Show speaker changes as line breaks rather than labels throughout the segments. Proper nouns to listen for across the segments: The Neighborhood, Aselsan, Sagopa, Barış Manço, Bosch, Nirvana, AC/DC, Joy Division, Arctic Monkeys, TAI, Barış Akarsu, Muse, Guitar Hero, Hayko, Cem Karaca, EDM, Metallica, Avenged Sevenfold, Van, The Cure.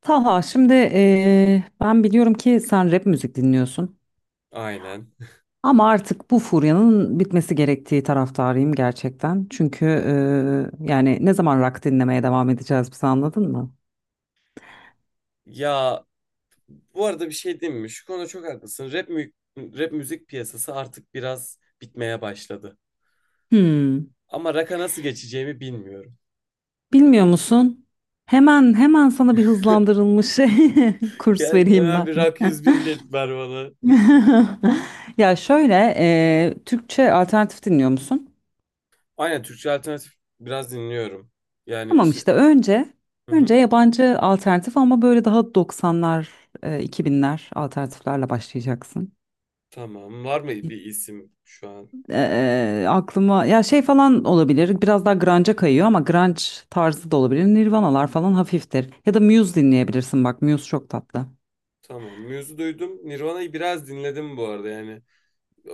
Taha, şimdi ben biliyorum ki sen rap müzik dinliyorsun.
Aynen.
Ama artık bu furyanın bitmesi gerektiği taraftarıyım gerçekten. Çünkü yani ne zaman rock dinlemeye devam edeceğiz biz, anladın mı?
Ya bu arada bir şey diyeyim mi? Şu konuda çok haklısın. Rap müzik piyasası artık biraz bitmeye başladı.
Hmm.
Ama rock'a nasıl geçeceğimi bilmiyorum.
Bilmiyor musun? Hemen hemen sana bir hızlandırılmış kurs
Gel
vereyim
hemen
ben.
bir Rock 101 get ver bana.
Ya şöyle Türkçe alternatif dinliyor musun?
Aynen Türkçe alternatif biraz dinliyorum. Yani
Tamam
işte
işte önce
hı
önce
hı,
yabancı alternatif, ama böyle daha 90'lar, 2000'ler alternatiflerle başlayacaksın.
tamam var mı bir isim şu an?
Aklıma ya şey falan olabilir. Biraz daha grunge'a kayıyor ama grunge tarzı da olabilir. Nirvanalar falan hafiftir. Ya da Muse dinleyebilirsin, bak Muse çok tatlı.
Tamam. Muse'u duydum. Nirvana'yı biraz dinledim bu arada yani.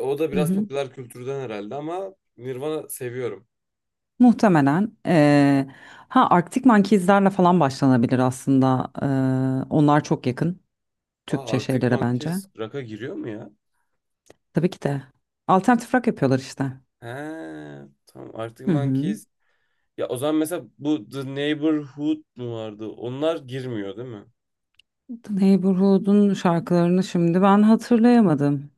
O da
Hı
biraz
hı.
popüler kültürden herhalde ama Nirvana seviyorum.
Muhtemelen ha Arctic Monkeys'lerle falan başlanabilir aslında. Onlar çok yakın
Aa
Türkçe
Arctic
şeylere bence.
Monkeys rock'a giriyor mu ya?
Tabii ki de. Alternatif rock yapıyorlar işte.
He, tamam Arctic
Hı hı.
Monkeys. Ya o zaman mesela bu The Neighborhood mu vardı? Onlar girmiyor değil mi?
Neighborhood'un şarkılarını şimdi ben hatırlayamadım.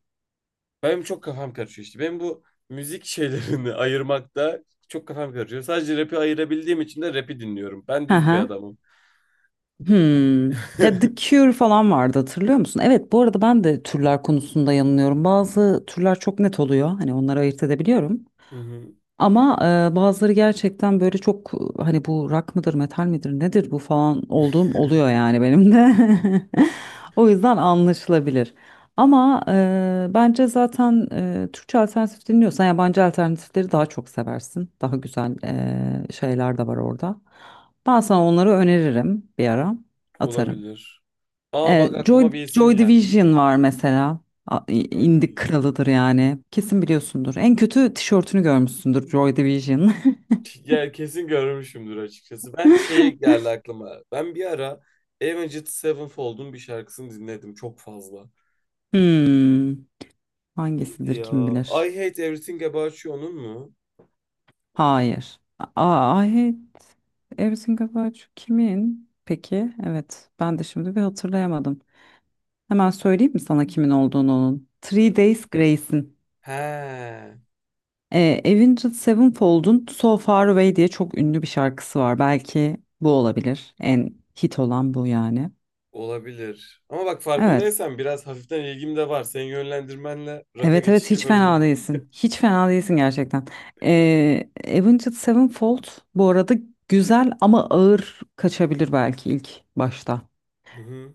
Benim çok kafam karışıyor işte. Benim bu müzik şeylerini ayırmakta çok kafam karışıyor. Sadece rap'i ayırabildiğim için de rap'i dinliyorum. Ben
Hı
düz bir
hı.
adamım.
Hmm. Ya The Cure falan vardı, hatırlıyor musun? Evet, bu arada ben de türler konusunda yanılıyorum. Bazı türler çok net oluyor, hani onları ayırt edebiliyorum.
Hı hı.
Ama bazıları gerçekten böyle çok hani bu rock mıdır, metal midir, nedir bu falan olduğum oluyor yani benim de. O yüzden anlaşılabilir. Ama bence zaten Türkçe alternatif dinliyorsan yabancı alternatifleri daha çok seversin. Daha güzel şeyler de var orada. Ben sana onları öneririm, bir ara atarım.
Olabilir. Aa bak
Joy,
aklıma bir isim
Joy
geldi.
Division var mesela. A-
Gördüğüm
İndik
için.
kralıdır yani. Kesin biliyorsundur. En kötü tişörtünü görmüşsündür Joy Division.
Ya kesin görmüşümdür açıkçası. Ben şey geldi aklıma. Ben bir ara Avenged Sevenfold'un bir şarkısını dinledim çok fazla.
Hmm,
Neydi
hangisidir kim
ya? I
bilir?
Hate Everything About You onun mu?
Hayır. Aa, I hate everything about you kimin? Peki, evet. Ben de şimdi bir hatırlayamadım. Hemen söyleyeyim mi sana kimin olduğunu onun? Three Days Grace'in.
He,
Avenged Sevenfold'un So Far Away diye çok ünlü bir şarkısı var. Belki bu olabilir. En hit olan bu yani.
olabilir. Ama bak
Evet.
farkındaysan biraz hafiften ilgim de var. Senin yönlendirmenle rock'a
Evet, evet,
geçiş
hiç fena
yapabilirim.
değilsin. Hiç fena değilsin gerçekten. Avenged Sevenfold bu arada güzel ama ağır kaçabilir belki ilk başta.
Hı-hı,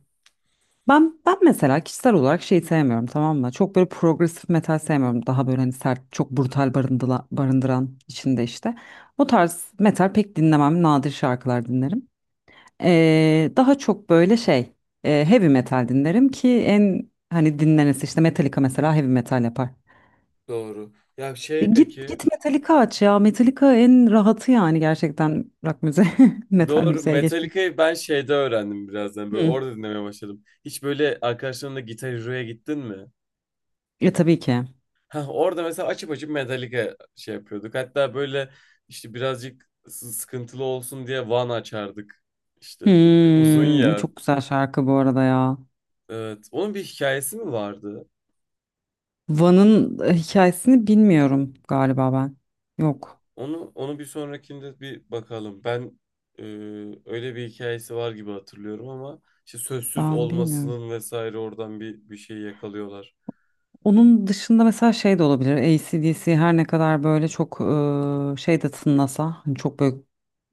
Ben mesela kişisel olarak şey sevmiyorum, tamam mı? Çok böyle progresif metal sevmiyorum. Daha böyle hani sert, çok brutal barındıran içinde işte. O tarz metal pek dinlemem. Nadir şarkılar dinlerim. Daha çok böyle şey heavy metal dinlerim ki en hani dinlenesi işte Metallica mesela heavy metal yapar.
doğru. Ya
E,
şey
git
peki.
git Metallica aç ya, Metallica en rahatı yani gerçekten rock müze metal
Doğru.
müzeye geçmek.
Metallica'yı
için.
ben şeyde öğrendim birazdan. Böyle
Hı.
orada dinlemeye başladım. Hiç böyle arkadaşlarınla Guitar Hero'ya gittin mi?
E tabii ki.
Ha, orada mesela açıp açıp Metallica şey yapıyorduk. Hatta böyle işte birazcık sıkıntılı olsun diye Van açardık. İşte uzun
Hmm, e,
ya.
çok güzel şarkı bu arada ya.
Evet, onun bir hikayesi mi vardı?
Van'ın hikayesini bilmiyorum galiba ben. Yok,
Onu bir sonrakinde bir bakalım. Ben e, öyle bir hikayesi var gibi hatırlıyorum ama işte sözsüz
ben bilmiyorum.
olmasının vesaire oradan bir şey yakalıyorlar.
Onun dışında mesela şey de olabilir. AC/DC her ne kadar böyle çok şey de tınlasa, hani çok böyle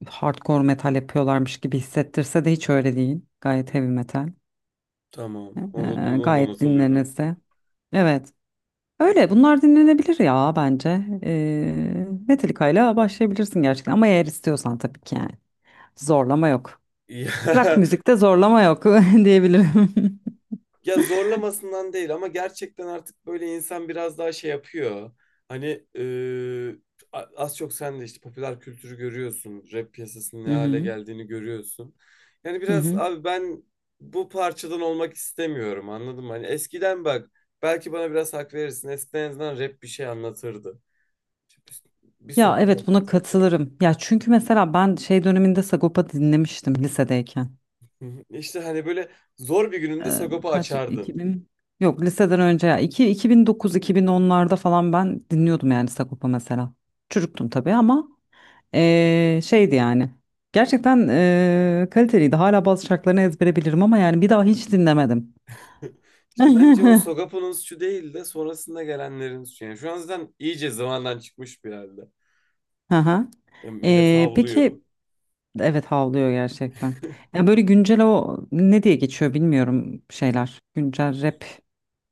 hardcore metal yapıyorlarmış gibi hissettirse de hiç öyle değil. Gayet heavy metal.
Tamam.
Eee,
Ondan
gayet
not alıyorum.
dinlenirse. Evet. Öyle bunlar dinlenebilir ya bence. Metallica ile başlayabilirsin gerçekten, ama eğer istiyorsan tabii ki yani. Zorlama yok.
Ya,
Rock müzikte zorlama yok diyebilirim.
ya zorlamasından değil ama gerçekten artık böyle insan biraz daha şey yapıyor. Hani az çok sen de işte popüler kültürü görüyorsun. Rap piyasasının ne
Hı
hale
hı.
geldiğini görüyorsun. Yani
Hı
biraz
hı.
abi ben bu parçadan olmak istemiyorum anladın mı? Hani eskiden bak belki bana biraz hak verirsin. Eskiden en azından rap bir şey anlatırdı. İşte bir
Ya
sokak
evet, buna
anlatırdı.
katılırım. Ya çünkü mesela ben şey döneminde Sagopa dinlemiştim lisedeyken.
İşte hani böyle zor bir gününde
Ee,
Sagopa
kaç
açardın.
2000 yok, liseden önce, ya 2, 2009, 2010'larda falan ben dinliyordum yani Sagopa mesela. Çocuktum tabii ama şeydi yani. Gerçekten kaliteliydi. Hala bazı şarkılarını ezbere bilirim ama yani bir daha hiç dinlemedim.
İşte bence o Sogapo'nun suçu değil de sonrasında gelenlerin suçu. Yani şu an zaten iyice zamandan çıkmış bir halde.
Hı.
Yani millet
Ee,
havlıyor.
peki Evet, havlıyor gerçekten. Ya böyle güncel o ne diye geçiyor bilmiyorum şeyler. Güncel rap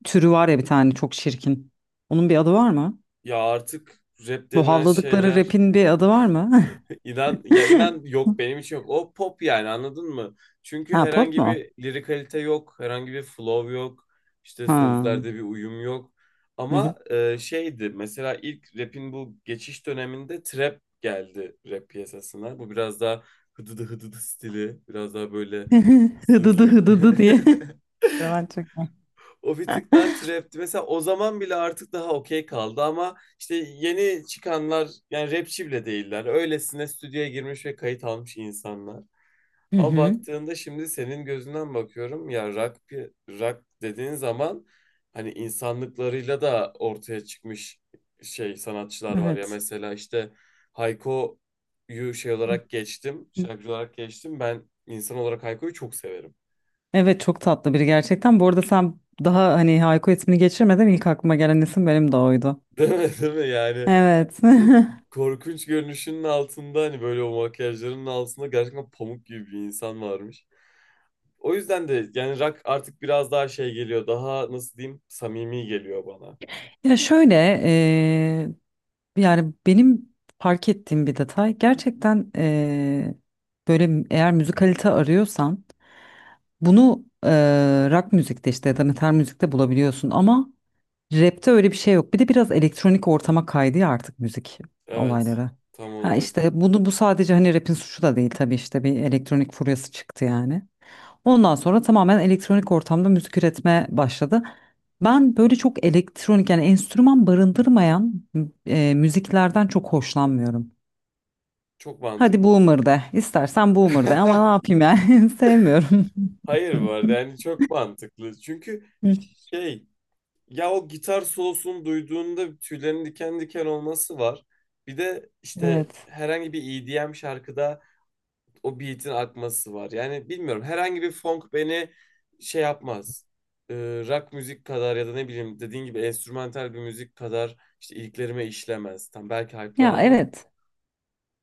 türü var ya bir tane, çok çirkin. Onun bir adı var mı?
Ya artık rap
Bu
denilen
havladıkları
şeyler.
rap'in bir adı var mı?
İnan ya inan yok benim için yok. O pop yani anladın mı? Çünkü
Ha, pop
herhangi
mu?
bir lirikalite yok, herhangi bir flow yok. İşte
Ha.
sözlerde bir uyum yok.
Hı hı.
Ama şeydi mesela ilk rap'in bu geçiş döneminde trap geldi rap piyasasına. Bu biraz daha hıdıdı hıdıdı stili, biraz daha böyle hızlı hızlı.
Hıdıdı hıdıdı diye. Ben çok.
O bir tık daha trapti. Mesela o zaman bile artık daha okey kaldı ama işte yeni çıkanlar yani rapçi bile değiller. Öylesine stüdyoya girmiş ve kayıt almış insanlar.
Hı
Ama
hı.
baktığında şimdi senin gözünden bakıyorum ya rock dediğin zaman hani insanlıklarıyla da ortaya çıkmış şey sanatçılar var ya
Evet.
mesela işte Hayko'yu şey olarak geçtim, şarkıcı olarak geçtim. Ben insan olarak Hayko'yu çok severim.
Evet çok tatlı biri gerçekten. Bu arada sen daha hani Hayko ismini geçirmeden ilk aklıma gelen isim benim de oydu.
Değil mi? Değil mi? Yani
Evet.
o korkunç görünüşünün altında hani böyle o makyajlarının altında gerçekten pamuk gibi bir insan varmış. O yüzden de yani rock artık biraz daha şey geliyor. Daha nasıl diyeyim samimi geliyor bana.
Ya şöyle, eee, yani benim fark ettiğim bir detay gerçekten, böyle eğer müzikalite arıyorsan bunu rock müzikte, işte ya da metal müzikte bulabiliyorsun ama rapte öyle bir şey yok. Bir de biraz elektronik ortama kaydı ya artık müzik
Evet
olayları.
tam
Ha
olarak.
işte bunu bu sadece hani rapin suçu da değil tabii, işte bir elektronik furyası çıktı yani. Ondan sonra tamamen elektronik ortamda müzik üretmeye başladı. Ben böyle çok elektronik yani enstrüman barındırmayan müziklerden çok hoşlanmıyorum.
Çok
Hadi
mantıklı.
boomer de, istersen boomer de, ama ne yapayım yani sevmiyorum.
Hayır bu arada yani çok mantıklı. Çünkü
Hı.
şey, ya o gitar solosunu duyduğunda tüylerin diken diken olması var. Bir de işte
Evet.
herhangi bir EDM şarkıda o beat'in akması var. Yani bilmiyorum herhangi bir funk beni şey yapmaz. Ee, rock müzik kadar ya da ne bileyim dediğin gibi enstrümantal bir müzik kadar işte iliklerime işlemez. Tam belki hype'lar
Ya
ama.
evet.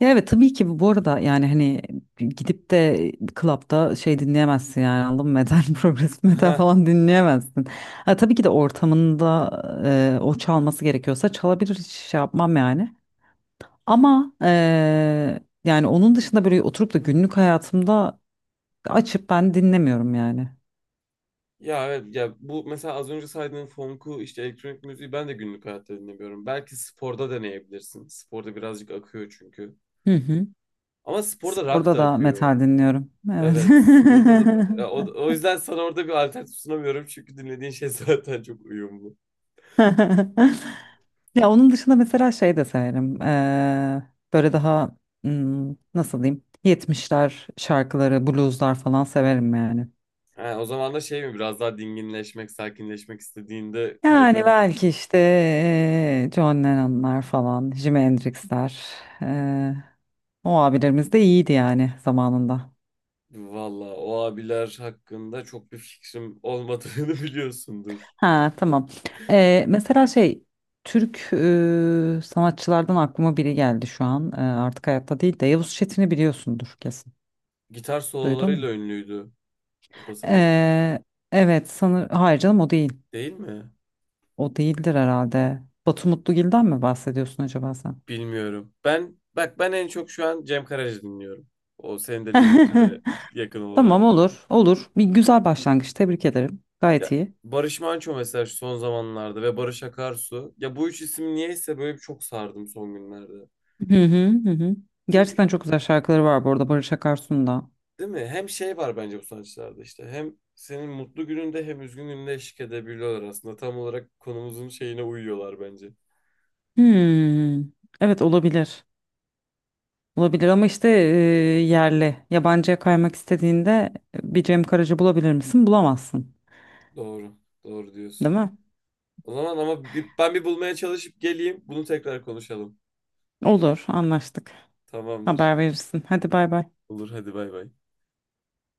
Ya evet tabii ki, bu arada yani hani gidip de klapta şey dinleyemezsin, yani anladın, Metal, progresif metal
Heh.
falan dinleyemezsin. Ha, tabii ki de ortamında o çalması gerekiyor. Gerekiyorsa çalabilir, hiç şey yapmam yani. Ama yani onun dışında böyle oturup da günlük hayatımda açıp ben dinlemiyorum yani.
Ya evet ya bu mesela az önce saydığın funk'u işte elektronik müziği ben de günlük hayatta dinlemiyorum. Belki sporda deneyebilirsin. Sporda birazcık akıyor çünkü.
Hı hı.
Ama sporda rock
Sporda
da
da
akıyor.
metal dinliyorum. Evet.
Evet, sporda da ya o yüzden sana orada bir alternatif sunamıyorum çünkü dinlediğin şey zaten çok uyumlu.
Ya onun dışında mesela şey de severim. Böyle daha nasıl diyeyim? Yetmişler şarkıları, blueslar falan severim yani.
Ha, o zaman da şey mi biraz daha dinginleşmek, sakinleşmek istediğinde
Yani
kaydığım
belki işte John Lennon'lar falan, Jimi Hendrix'ler. eee, o abilerimiz de iyiydi yani zamanında.
valla o abiler hakkında çok bir fikrim olmadığını biliyorsundur.
Ha tamam. Mesela şey Türk sanatçılardan aklıma biri geldi şu an. Artık hayatta değil de Yavuz Çetin'i biliyorsundur kesin.
Gitar
Duydun mu?
sololarıyla ünlüydü o da sanırım.
Ee, evet sanır. Hayır canım, o değil.
Değil mi?
O değildir herhalde. Batu Mutlugil'den mi bahsediyorsun acaba sen?
Bilmiyorum. Ben en çok şu an Cem Karaca dinliyorum. O senin dediğin türe yakın
Tamam,
olarak.
olur. Olur. Bir güzel başlangıç. Tebrik ederim. Gayet
Ya,
iyi.
Barış Manço mesela şu son zamanlarda ve Barış Akarsu. Ya bu üç isim niyeyse böyle bir çok sardım son günlerde.
Hı hı hı. Hı.
Çünkü
Gerçekten çok güzel şarkıları var bu arada Barış Akarsu'nda.
değil mi? Hem şey var bence bu sanatçılarda işte. Hem senin mutlu gününde hem üzgün gününde eşlik edebiliyorlar aslında. Tam olarak konumuzun şeyine uyuyorlar bence.
Hmm. Evet olabilir. Olabilir ama işte yerli, yabancıya kaymak istediğinde bir Cem Karaca bulabilir misin? Bulamazsın,
Doğru. Doğru
değil
diyorsun.
mi?
O zaman ama ben bir bulmaya çalışıp geleyim. Bunu tekrar konuşalım.
Olur, anlaştık.
Tamamdır.
Haber verirsin. Hadi bay bay.
Olur hadi bay bay.